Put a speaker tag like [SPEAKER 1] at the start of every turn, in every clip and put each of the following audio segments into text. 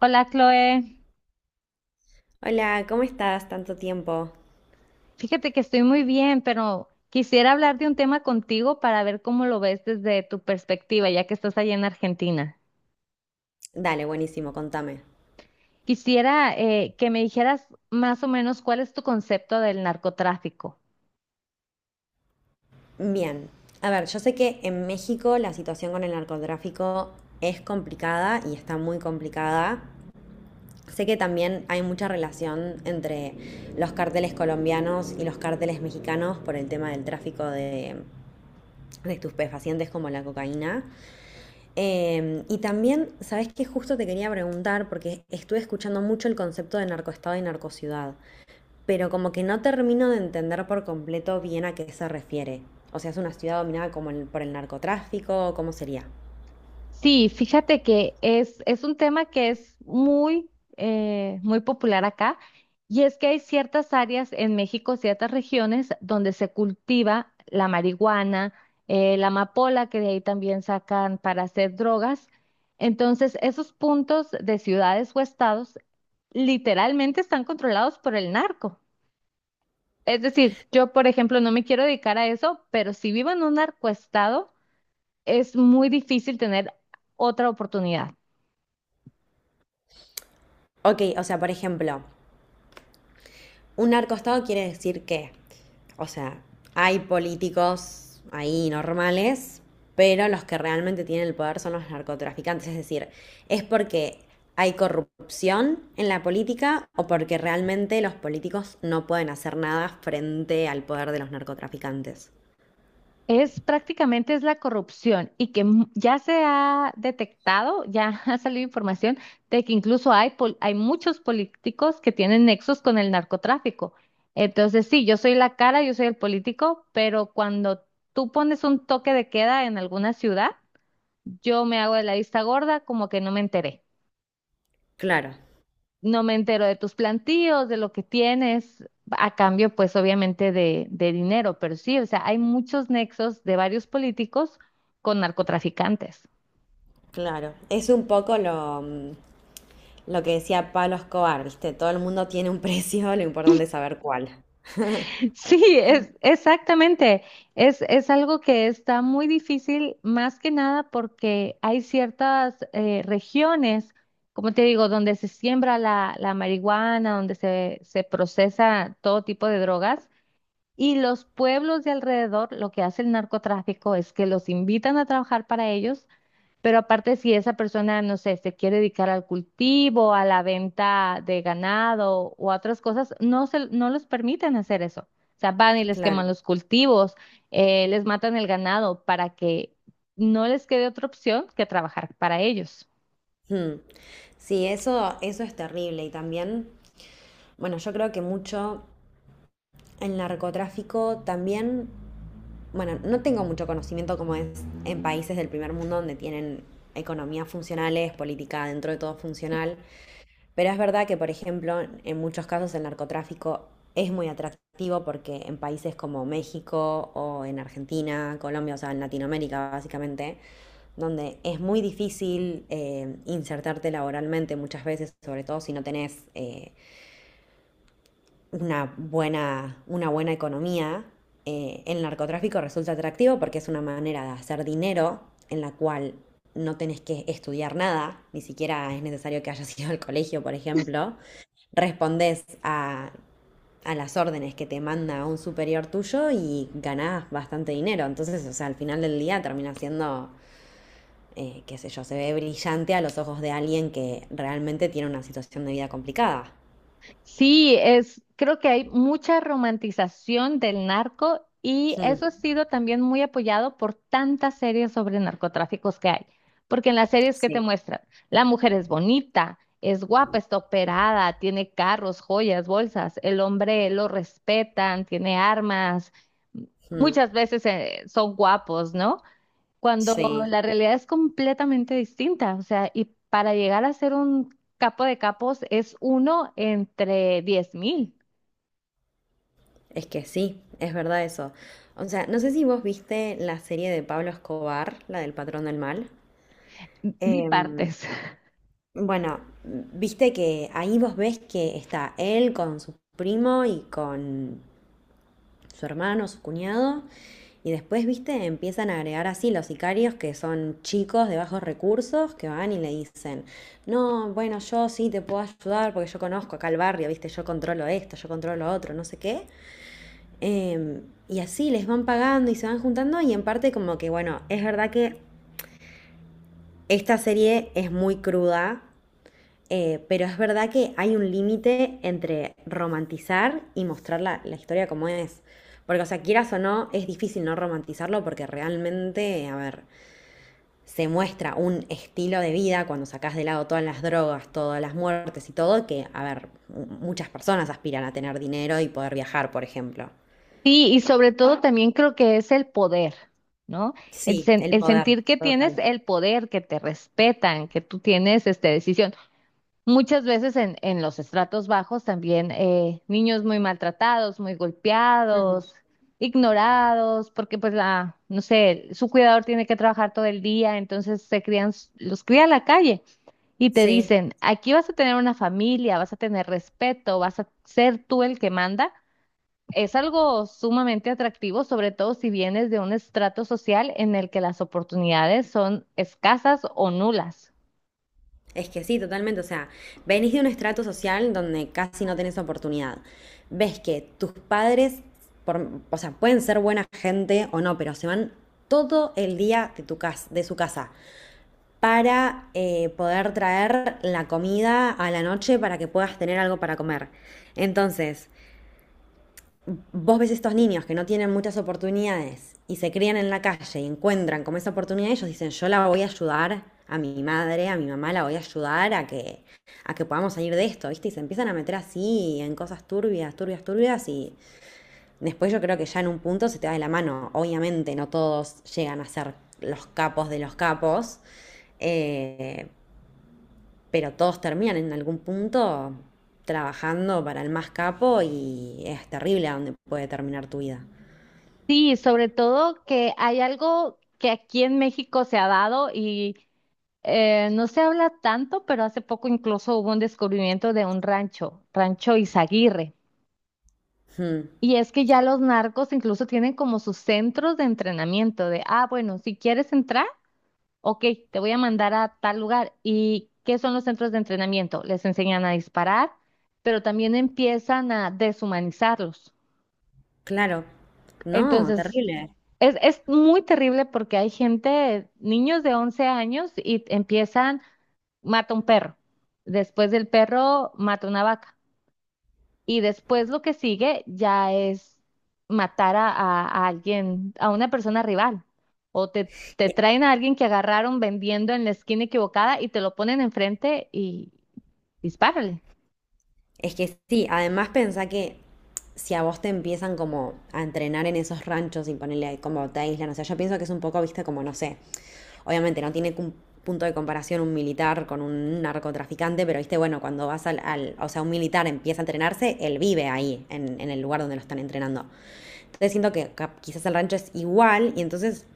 [SPEAKER 1] Hola, Chloe.
[SPEAKER 2] Hola, ¿cómo estás? Tanto tiempo.
[SPEAKER 1] Fíjate que estoy muy bien, pero quisiera hablar de un tema contigo para ver cómo lo ves desde tu perspectiva, ya que estás allí en Argentina.
[SPEAKER 2] Dale, buenísimo, contame.
[SPEAKER 1] Quisiera que me dijeras más o menos cuál es tu concepto del narcotráfico.
[SPEAKER 2] Bien. A ver, yo sé que en México la situación con el narcotráfico es complicada y está muy complicada. Sé que también hay mucha relación entre los cárteles colombianos y los cárteles mexicanos por el tema del tráfico de estupefacientes como la cocaína. Y también, ¿sabes qué? Justo te quería preguntar, porque estuve escuchando mucho el concepto de narcoestado y narcociudad, pero como que no termino de entender por completo bien a qué se refiere. O sea, es una ciudad dominada como por el narcotráfico, ¿cómo sería?
[SPEAKER 1] Sí, fíjate que es un tema que es muy, muy popular acá, y es que hay ciertas áreas en México, ciertas regiones donde se cultiva la marihuana, la amapola, que de ahí también sacan para hacer drogas. Entonces, esos puntos de ciudades o estados literalmente están controlados por el narco. Es decir, yo, por ejemplo, no me quiero dedicar a eso, pero si vivo en un narcoestado, es muy difícil tener otra oportunidad.
[SPEAKER 2] Ok, o sea, por ejemplo, un narcoestado quiere decir que, o sea, hay políticos ahí normales, pero los que realmente tienen el poder son los narcotraficantes. Es decir, es porque hay corrupción en la política o porque realmente los políticos no pueden hacer nada frente al poder de los narcotraficantes.
[SPEAKER 1] Es prácticamente es la corrupción, y que ya se ha detectado, ya ha salido información de que incluso hay muchos políticos que tienen nexos con el narcotráfico. Entonces, sí, yo soy la cara, yo soy el político, pero cuando tú pones un toque de queda en alguna ciudad, yo me hago de la vista gorda, como que no me enteré
[SPEAKER 2] Claro.
[SPEAKER 1] no me entero de tus plantíos, de lo que tienes, a cambio, pues obviamente de dinero. Pero sí, o sea, hay muchos nexos de varios políticos con narcotraficantes.
[SPEAKER 2] Claro, es un poco lo, lo que decía Pablo Escobar, ¿viste? Todo el mundo tiene un precio, lo importante es saber cuál.
[SPEAKER 1] Sí, es exactamente. Es algo que está muy difícil, más que nada porque hay ciertas regiones, como te digo, donde se siembra la marihuana, donde se procesa todo tipo de drogas. Y los pueblos de alrededor, lo que hace el narcotráfico es que los invitan a trabajar para ellos, pero aparte si esa persona, no sé, se quiere dedicar al cultivo, a la venta de ganado o a otras cosas, no se, no los permiten hacer eso. O sea, van y les
[SPEAKER 2] Claro.
[SPEAKER 1] queman los cultivos, les matan el ganado para que no les quede otra opción que trabajar para ellos.
[SPEAKER 2] Mm. Sí, eso es terrible. Y también, bueno, yo creo que mucho el narcotráfico también, bueno, no tengo mucho conocimiento como es en países del primer mundo donde tienen economías funcionales, política dentro de todo funcional. Pero es verdad que, por ejemplo, en muchos casos el narcotráfico es muy atractivo porque en países como México o en Argentina, Colombia, o sea, en Latinoamérica básicamente, donde es muy difícil insertarte laboralmente muchas veces, sobre todo si no tenés una buena economía, el narcotráfico resulta atractivo porque es una manera de hacer dinero en la cual no tenés que estudiar nada, ni siquiera es necesario que hayas ido al colegio, por ejemplo, respondes a las órdenes que te manda un superior tuyo y ganás bastante dinero. Entonces, o sea, al final del día termina siendo, qué sé yo, se ve brillante a los ojos de alguien que realmente tiene una situación de vida complicada.
[SPEAKER 1] Sí, es, creo que hay mucha romantización del narco, y
[SPEAKER 2] Mm,
[SPEAKER 1] eso ha sido también muy apoyado por tantas series sobre narcotráficos que hay. Porque en las series que te
[SPEAKER 2] sí.
[SPEAKER 1] muestran, la mujer es bonita, es guapa, está operada, tiene carros, joyas, bolsas, el hombre lo respetan, tiene armas,
[SPEAKER 2] Mm,
[SPEAKER 1] muchas veces son guapos, ¿no? Cuando
[SPEAKER 2] sí,
[SPEAKER 1] la realidad es completamente distinta. O sea, y para llegar a ser un capo de capos es uno entre 10.000
[SPEAKER 2] es que sí, es verdad eso. O sea, no sé si vos viste la serie de Pablo Escobar, la del patrón del mal. Em,
[SPEAKER 1] bipartes.
[SPEAKER 2] Bueno, viste que ahí vos ves que está él con su primo y con su hermano, su cuñado, y después, viste, empiezan a agregar así los sicarios que son chicos de bajos recursos que van y le dicen, no, bueno, yo sí te puedo ayudar porque yo conozco acá el barrio, viste, yo controlo esto, yo controlo otro, no sé qué. Em, y así les van pagando y se van juntando y en parte como que, bueno, es verdad que esta serie es muy cruda. Pero es verdad que hay un límite entre romantizar y mostrar la historia como es. Porque, o sea, quieras o no, es difícil no romantizarlo porque realmente, a ver, se muestra un estilo de vida cuando sacas de lado todas las drogas, todas las muertes y todo, que, a ver, muchas personas aspiran a tener dinero y poder viajar, por ejemplo.
[SPEAKER 1] Sí, y sobre todo también creo que es el poder, ¿no?
[SPEAKER 2] Sí, el
[SPEAKER 1] El
[SPEAKER 2] poder,
[SPEAKER 1] sentir que tienes
[SPEAKER 2] total.
[SPEAKER 1] el poder, que te respetan, que tú tienes esta decisión. Muchas veces en los estratos bajos también niños muy maltratados, muy
[SPEAKER 2] Mm.
[SPEAKER 1] golpeados, ignorados, porque pues la, no sé, su cuidador tiene que trabajar todo el día, entonces se crían, los cría a la calle, y te
[SPEAKER 2] Sí.
[SPEAKER 1] dicen, aquí vas a tener una familia, vas a tener respeto, vas a ser tú el que manda. Es algo sumamente atractivo, sobre todo si vienes de un estrato social en el que las oportunidades son escasas o nulas.
[SPEAKER 2] Es que sí, totalmente. O sea, venís de un estrato social donde casi no tenés oportunidad. Ves que tus padres, o sea, pueden ser buena gente o no, pero se van todo el día tu casa, de su casa para poder traer la comida a la noche para que puedas tener algo para comer. Entonces, vos ves estos niños que no tienen muchas oportunidades y se crían en la calle y encuentran como esa oportunidad, ellos dicen, yo la voy a ayudar a mi madre, a mi mamá, la voy a ayudar a que podamos salir de esto, ¿viste? Y se empiezan a meter así en cosas turbias, turbias, turbias y después yo creo que ya en un punto se te va de la mano. Obviamente no todos llegan a ser los capos de los capos, eh, pero todos terminan en algún punto trabajando para el más capo y es terrible a dónde puede terminar tu vida.
[SPEAKER 1] Sí, sobre todo que hay algo que aquí en México se ha dado y no se habla tanto, pero hace poco incluso hubo un descubrimiento de un rancho, Rancho Izaguirre.
[SPEAKER 2] Mm,
[SPEAKER 1] Y es que ya los narcos incluso tienen como sus centros de entrenamiento de, ah, bueno, si quieres entrar, ok, te voy a mandar a tal lugar. ¿Y qué son los centros de entrenamiento? Les enseñan a disparar, pero también empiezan a deshumanizarlos.
[SPEAKER 2] claro. No,
[SPEAKER 1] Entonces,
[SPEAKER 2] terrible.
[SPEAKER 1] es muy terrible porque hay gente, niños de 11 años, y empiezan, mata un perro, después del perro mata una vaca, y después lo que sigue ya es matar a alguien, a una persona rival, o te
[SPEAKER 2] E-
[SPEAKER 1] traen a alguien que agarraron vendiendo en la esquina equivocada y te lo ponen enfrente y dispárale.
[SPEAKER 2] Es que sí, además pensá que si a vos te empiezan como a entrenar en esos ranchos y ponerle ahí como te aíslan, o sea, yo pienso que es un poco, viste, como no sé, obviamente no tiene un punto de comparación un militar con un narcotraficante, pero viste, bueno, cuando vas o sea, un militar empieza a entrenarse, él vive ahí, en el lugar donde lo están entrenando. Entonces siento que quizás el rancho es igual y entonces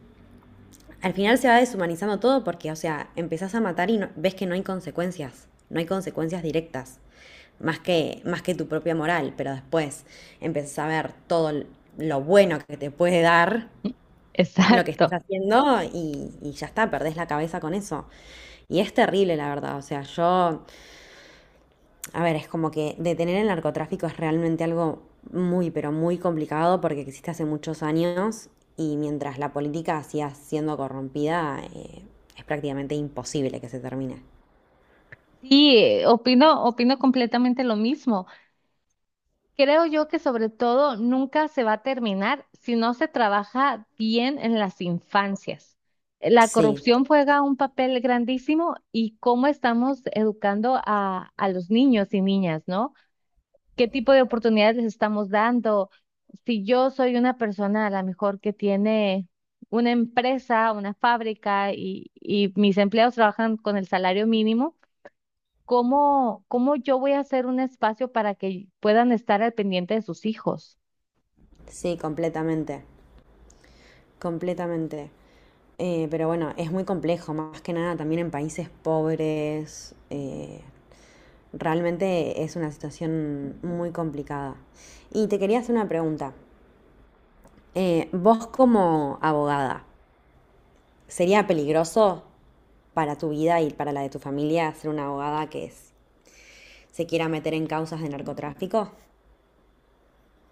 [SPEAKER 2] al final se va deshumanizando todo porque, o sea, empezás a matar y ves que no hay consecuencias, no hay consecuencias directas, más que tu propia moral, pero después empezás a ver todo lo bueno que te puede dar lo que estás
[SPEAKER 1] Exacto.
[SPEAKER 2] haciendo y ya está, perdés la cabeza con eso. Y es terrible, la verdad, o sea, yo, a ver, es como que detener el narcotráfico es realmente algo muy, pero muy complicado porque existe hace muchos años y mientras la política siga siendo corrompida, es prácticamente imposible que se termine.
[SPEAKER 1] Sí, opino, opino completamente lo mismo. Creo yo que sobre todo nunca se va a terminar si no se trabaja bien en las infancias. La
[SPEAKER 2] Sí,
[SPEAKER 1] corrupción juega un papel grandísimo, y cómo estamos educando a los niños y niñas, ¿no? ¿Qué tipo de oportunidades les estamos dando? Si yo soy una persona a lo mejor que tiene una empresa, una fábrica, y mis empleados trabajan con el salario mínimo, ¿cómo, cómo yo voy a hacer un espacio para que puedan estar al pendiente de sus hijos?
[SPEAKER 2] sí, completamente, completamente. Pero bueno, es muy complejo, más que nada también en países pobres. Realmente es una situación muy complicada. Y te quería hacer una pregunta. Vos como abogada, sería peligroso para tu vida y para la de tu familia ser una abogada se quiera meter en causas de narcotráfico.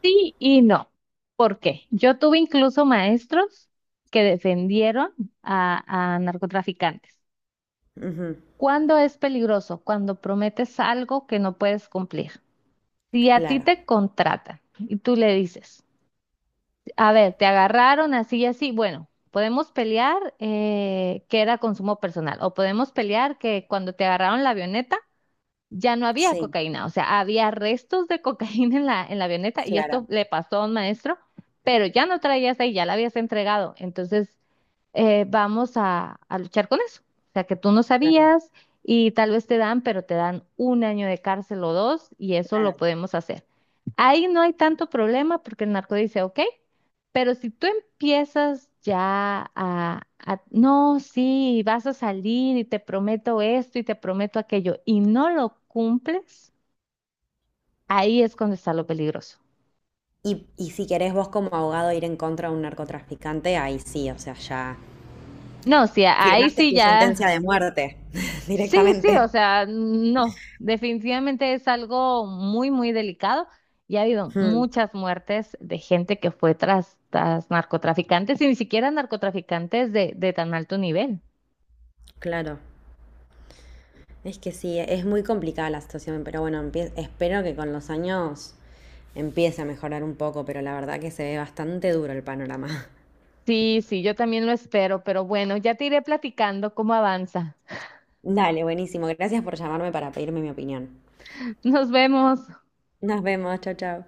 [SPEAKER 1] Sí y no. ¿Por qué? Yo tuve incluso maestros que defendieron a narcotraficantes.
[SPEAKER 2] Ujú.
[SPEAKER 1] ¿Cuándo es peligroso? Cuando prometes algo que no puedes cumplir. Si a ti
[SPEAKER 2] Claro,
[SPEAKER 1] te contratan y tú le dices, a ver, te agarraron así y así, bueno, podemos pelear que era consumo personal, o podemos pelear que cuando te agarraron la avioneta ya no había
[SPEAKER 2] sí,
[SPEAKER 1] cocaína, o sea, había restos de cocaína en en la avioneta, y esto
[SPEAKER 2] claro,
[SPEAKER 1] le pasó a un maestro, pero ya no traías ahí, ya la habías entregado. Entonces, vamos a luchar con eso. O sea, que tú no
[SPEAKER 2] claro,
[SPEAKER 1] sabías, y tal vez te dan, pero te dan 1 año de cárcel o dos, y eso lo
[SPEAKER 2] claro.
[SPEAKER 1] podemos hacer. Ahí no hay tanto problema porque el narco dice, ok, pero si tú empiezas ya no, sí, vas a salir y te prometo esto y te prometo aquello y no lo cumples, ahí es cuando está lo peligroso.
[SPEAKER 2] Y si querés vos como abogado ir en contra de un narcotraficante, ahí sí, o sea, ya
[SPEAKER 1] No, sí, ahí
[SPEAKER 2] firmaste
[SPEAKER 1] sí
[SPEAKER 2] tu sentencia
[SPEAKER 1] ya.
[SPEAKER 2] de muerte
[SPEAKER 1] Sí, sí,
[SPEAKER 2] directamente.
[SPEAKER 1] o sea, no, definitivamente es algo muy, muy delicado, y ha habido
[SPEAKER 2] Mm,
[SPEAKER 1] muchas muertes de gente que fue tras, tras narcotraficantes, y ni siquiera narcotraficantes de tan alto nivel.
[SPEAKER 2] claro, es que sí, es muy complicada la situación, pero bueno, espero que con los años empiece a mejorar un poco, pero la verdad que se ve bastante duro el panorama.
[SPEAKER 1] Sí, sí, yo también lo espero, pero bueno, ya te iré platicando cómo avanza.
[SPEAKER 2] Dale, buenísimo. Gracias por llamarme para pedirme mi opinión.
[SPEAKER 1] Nos vemos.
[SPEAKER 2] Nos vemos. Chao, chao.